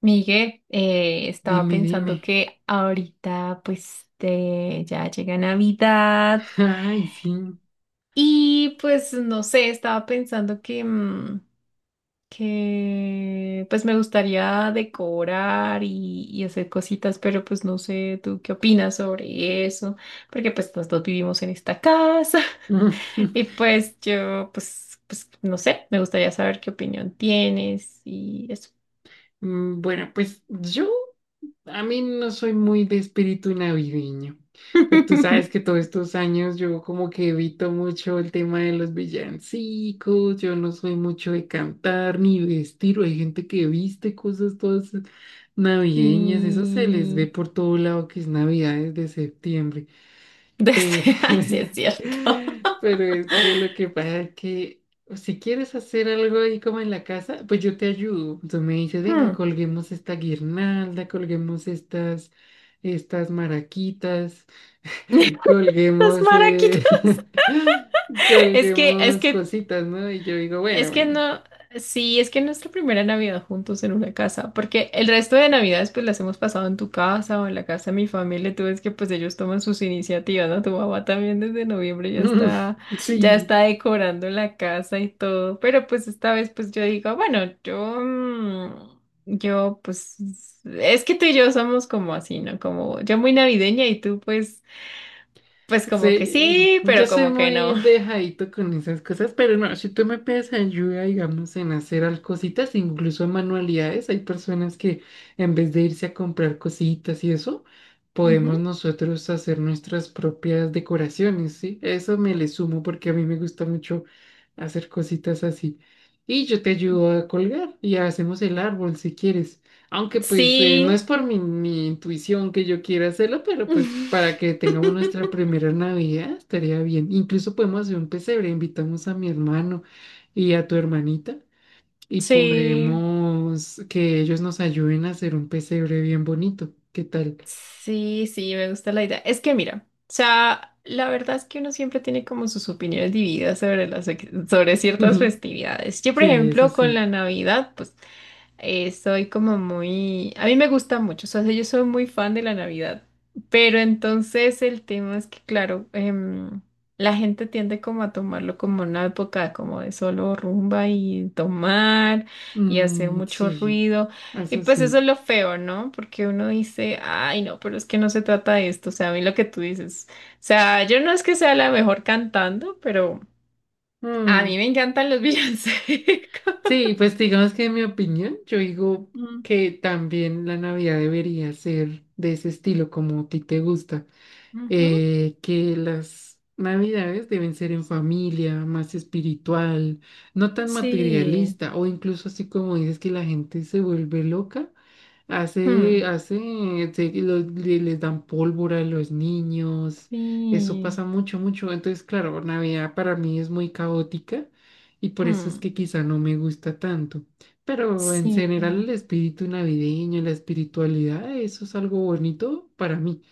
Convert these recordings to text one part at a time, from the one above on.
Miguel, estaba Dime, dime. pensando que ahorita pues te- ya llega Navidad Ay, sí. y pues no sé, estaba pensando que que pues me gustaría decorar y hacer cositas, pero pues no sé, ¿tú qué opinas sobre eso? Porque pues los dos vivimos en esta casa y pues yo pues, pues no sé, me gustaría saber qué opinión tienes y eso. Bueno, pues yo, a mí no soy muy de espíritu navideño. Pues tú sabes que todos estos años yo como que evito mucho el tema de los villancicos, yo no soy mucho de cantar ni vestir, hay gente que viste cosas todas navideñas, eso se les ve Sí. por todo lado que es Navidad desde septiembre. Pe- Desde, así es cierto. Pero es que lo que pasa es que si quieres hacer algo ahí como en la casa, pues yo te ayudo. Tú me dices, venga, Hmm. colguemos esta guirnalda, estas maraquitas, Los colguemos, maraquitos. Es que, es colguemos que cositas, ¿no? Y yo digo, bueno, Es que bueno. no, sí, es que nuestra primera Navidad juntos en una casa, porque el resto de Navidades pues las hemos pasado en tu casa o en la casa de mi familia, tú ves que pues ellos toman sus iniciativas, ¿no? Tu mamá también desde noviembre ya está Sí. decorando la casa y todo, pero pues esta vez pues yo digo, bueno, yo es que tú y yo somos como así, ¿no? Como yo muy navideña y tú pues, pues como que Sí, sí, yo pero soy como que no. muy dejadito con esas cosas, pero no, si tú me pides ayuda, digamos, en hacer al cositas, incluso manualidades, hay personas que en vez de irse a comprar cositas y eso, podemos Ujú. nosotros hacer nuestras propias decoraciones, ¿sí? Eso me le sumo porque a mí me gusta mucho hacer cositas así. Y yo te ayudo a colgar y hacemos el árbol si quieres. Aunque pues no Sí. es por mi intuición que yo quiera hacerlo, pero pues para que tengamos nuestra primera Navidad estaría bien. Incluso podemos hacer un pesebre, invitamos a mi hermano y a tu hermanita y Sí, podemos que ellos nos ayuden a hacer un pesebre bien bonito. ¿Qué tal? sí, sí, me gusta la idea. Es que mira, o sea, la verdad es que uno siempre tiene como sus opiniones divididas sobre las, ex- sobre ciertas festividades. Yo, por Sí, eso ejemplo, con la sí. Navidad, pues soy como muy... A mí me gusta mucho, o sea, yo soy muy fan de la Navidad, pero entonces el tema es que, claro, la gente tiende como a tomarlo como una época como de solo rumba y tomar y hacer Mm, mucho sí, ruido. Y eso pues eso es sí. lo feo, ¿no? Porque uno dice, ay, no, pero es que no se trata de esto, o sea, a mí lo que tú dices, o sea, yo no es que sea la mejor cantando, pero a mí Mm. me encantan los villancicos. Sí, pues digamos que en mi opinión, yo digo Mm, que también la Navidad debería ser de ese estilo como a ti te gusta ujú. Que las navidades deben ser en familia, más espiritual, no tan Sí. materialista, o incluso así como dices que la gente se vuelve loca, hace, Mm, hace, se- lo- le- les dan pólvora a los niños, eso sí, pasa mucho, mucho, entonces claro, Navidad para mí es muy caótica y por eso es mm, que quizá no me gusta tanto. Pero en sí, general el espíritu navideño, la espiritualidad, eso es algo bonito para mí.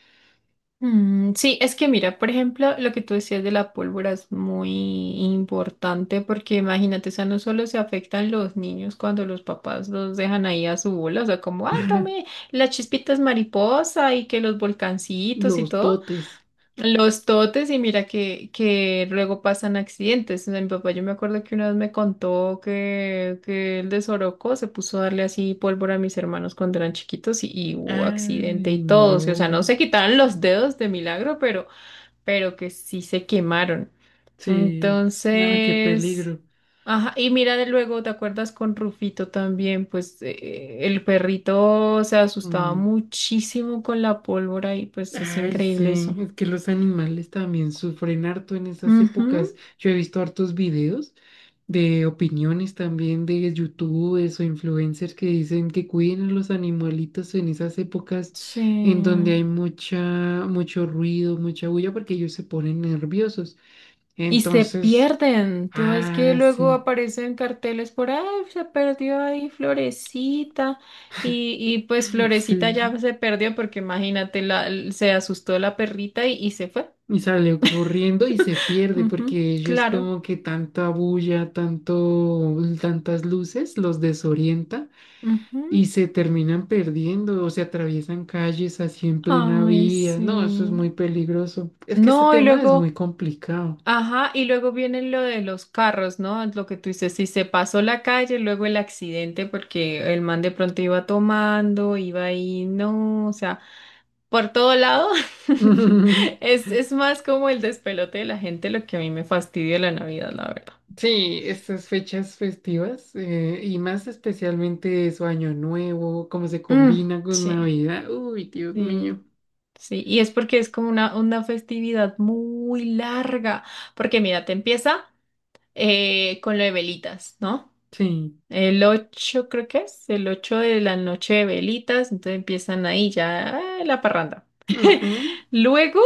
sí, es que mira, por ejemplo, lo que tú decías de la pólvora es muy importante porque imagínate, o sea, no solo se afectan los niños cuando los papás los dejan ahí a su bola, o sea, como, ah, tome las chispitas mariposa y que los volcancitos y Los todo. dotes. Los totes y mira que luego pasan accidentes. O sea, mi papá, yo me acuerdo que una vez me contó que el de Sorocó se puso a darle así pólvora a mis hermanos cuando eran chiquitos y hubo accidente Ay, y todo. Sí, o sea, no no. se quitaron los dedos de milagro, pero que sí se quemaron. Sí. Ah, qué Entonces, peligro. ajá, y mira de luego, ¿te acuerdas con Rufito también? Pues el perrito se asustaba Mm. muchísimo con la pólvora y pues es Ay, increíble sí. eso. Es que los animales también sufren harto en esas Ujú, épocas. Yo he visto hartos videos de opiniones también de youtubers o influencers que dicen que cuiden a los animalitos en esas épocas en sí. donde hay mucho ruido, mucha bulla, porque ellos se ponen nerviosos. Y se Entonces, pierden. Tú ves que ah, luego sí. aparecen carteles por ahí, se perdió ahí Florecita. Y pues Florecita Sí. ya se perdió porque imagínate, la, se asustó la perrita y se fue. Y salió corriendo y se pierde Ujú, porque ellos claro. como que tanta bulla, tantas luces los desorienta y Ujú. se terminan perdiendo o se atraviesan calles así en plena Ay, vía. No, eso es sí. muy peligroso. Es que ese No, y tema es muy luego. complicado. Ajá, y luego viene lo de los carros, ¿no? Lo que tú dices, si se pasó la calle, luego el accidente, porque el man de pronto iba tomando, iba ahí, no, o sea, por todo lado. Es más como el despelote de la gente lo que a mí me fastidia la Navidad, la verdad. Sí, estas fechas festivas y más especialmente su Año Nuevo, cómo se Mm, combina con sí, Navidad. Uy, Dios sí, mío. sí. Y es porque es como una festividad muy larga, porque mira, te empieza con lo de velitas, ¿no? Sí. El 8 creo que es, el 8 de la noche de velitas, entonces empiezan ahí ya ah, la parranda. Ujú. Luego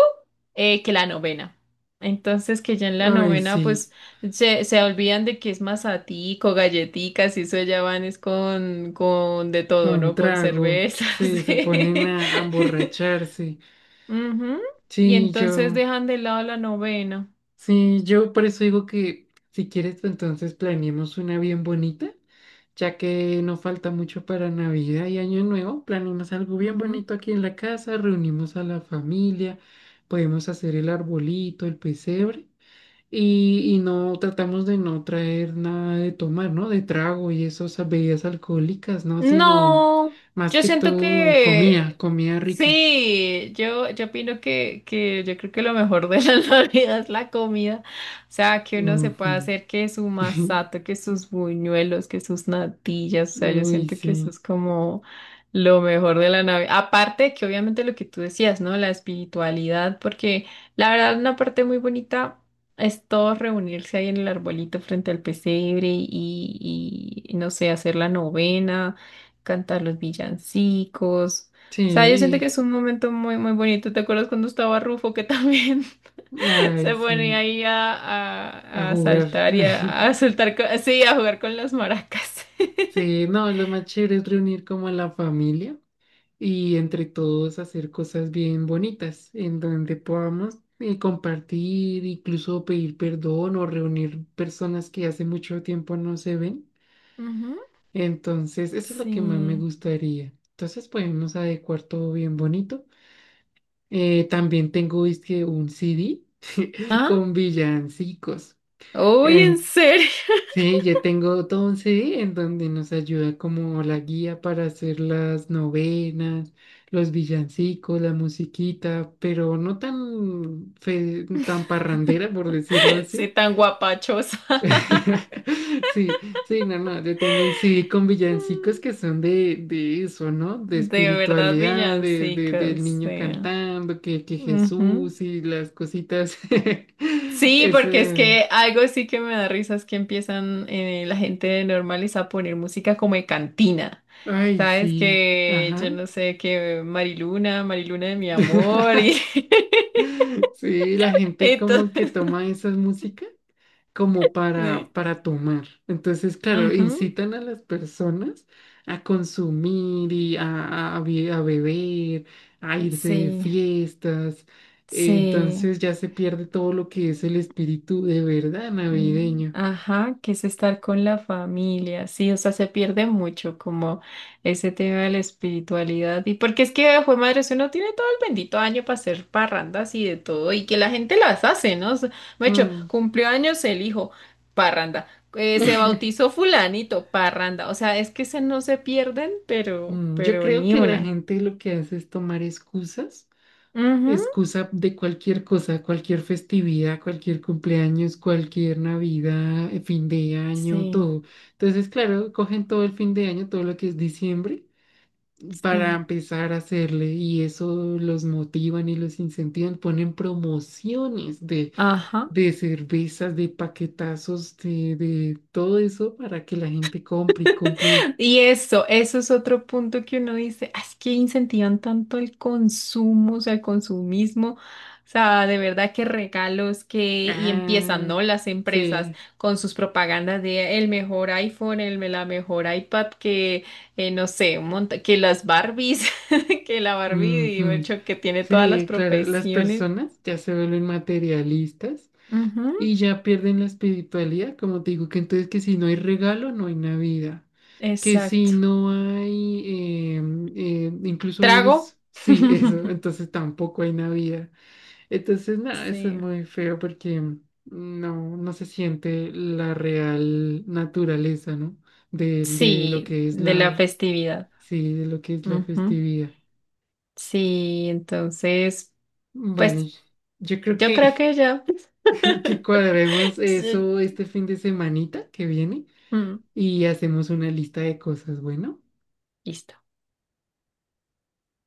que la novena. Entonces que ya en la Ay, novena pues sí. se olvidan de que es masatico, galletitas y eso ya van es con de todo, ¿no? Con Con trago, cervezas. sí, se ponen Sí. A emborracharse. Ujú. Y Sí, entonces yo, dejan de lado la novena. sí, yo por eso digo que si quieres, pues, entonces planeemos una bien bonita, ya que no falta mucho para Navidad y Año Nuevo, planeemos algo bien bonito aquí en la casa, reunimos a la familia, podemos hacer el arbolito, el pesebre. Y no tratamos de no traer nada de tomar, ¿no? De trago y esas bebidas alcohólicas, ¿no? Sino No, más yo que siento todo comida, que comida rica. sí, yo opino que yo creo que lo mejor de la Navidad es la comida. O sea, que uno se pueda Ujú. hacer que su masato, que sus buñuelos, que sus natillas. O sea, yo Uy, siento que eso sí. es como lo mejor de la Navidad. Aparte de que obviamente lo que tú decías, ¿no? La espiritualidad, porque la verdad una parte muy bonita. Es todo reunirse ahí en el arbolito frente al pesebre y no sé, hacer la novena cantar los villancicos. O sea, yo siento Sí. que es un momento muy, muy bonito. ¿Te acuerdas cuando estaba Rufo que también Ay, se ponía sí. ahí a, A a, a jugar. saltar y a saltar, co- sí, a jugar con las maracas? Sí, no, lo más chévere es reunir como a la familia. Y entre todos hacer cosas bien bonitas en donde podamos compartir, incluso pedir perdón o reunir personas que hace mucho tiempo no se ven. Ujú, Entonces, eso es lo que más me sí. gustaría. Entonces, podemos adecuar todo bien bonito. También tengo, es que un CD ¿Ah? con villancicos. Uy, en serio. Sí, yo tengo 12 en donde nos ayuda como la guía para hacer las novenas, los villancicos, la musiquita, pero no tan, tan parrandera, por decirlo Sí, así. tan guapachosa. Sí, no, yo tengo un CD con villancicos Mm, que son de eso, ¿no? De de verdad, espiritualidad, del villancicas, niño sí. cantando, que Ujú. Jesús y las cositas. Sí, Es, porque es que algo sí que me da risa es que empiezan la gente normales a poner música como de cantina. ay, Sabes sí, que yo ajá. no sé que Mariluna, Mariluna de mi amor y Sí, la gente como que entonces toma esa música como sí. para tomar. Entonces, claro, Ujú, incitan a las personas a consumir y a beber, a irse de sí, fiestas. Sí. Entonces ya se pierde todo lo que es el espíritu de verdad Mm, navideño. ajá, que es estar con la familia, sí, o sea, se pierde mucho como ese tema de la espiritualidad y porque es que, fue madre, si uno tiene todo el bendito año para hacer parrandas y de todo y que la gente las hace, ¿no? O sea, me hecho, Mm, cumplió años el hijo, parranda, se bautizó fulanito, parranda, o sea, es que se no se pierden, mm. Yo pero creo ni que la una. gente lo que hace es tomar Ujú, excusa de cualquier cosa, cualquier festividad, cualquier cumpleaños, cualquier Navidad, fin de año, sí, todo. Entonces, claro, cogen todo el fin de año, todo lo que es diciembre, para sí, empezar a hacerle y eso los motivan y los incentivan, ponen promociones ajá. de cervezas, de paquetazos, de todo eso para que la gente compre y compre. Y eso es otro punto que uno dice, "Ah, es que incentivan tanto el consumo, o sea, el consumismo, o sea, de verdad que regalos que, y empiezan, Ah, ¿no? Las empresas sí. con sus propagandas de el mejor iPhone, el, la mejor iPad, que, no sé, un monta- que las Barbies, que la Barbie, digo, Ujú. hecho, que tiene todas las Sí, claro, las profesiones. personas ya se vuelven materialistas Ujú, y ya pierden la espiritualidad, como te digo, que entonces que si no hay regalo, no hay Navidad, que si exacto. no hay, incluso a Trago. veces, sí, eso, entonces tampoco hay Navidad. Entonces, nada, eso es Sí, muy feo porque no, no se siente la real naturaleza, ¿no? De lo sí, que es de la festividad. sí, de lo que es la Ujú. festividad. Sí, entonces, Bueno, pues yo creo yo creo que, que yo... que cuadremos Sí. eso este fin de semanita que viene Mm, y hacemos una lista de cosas, bueno. listo.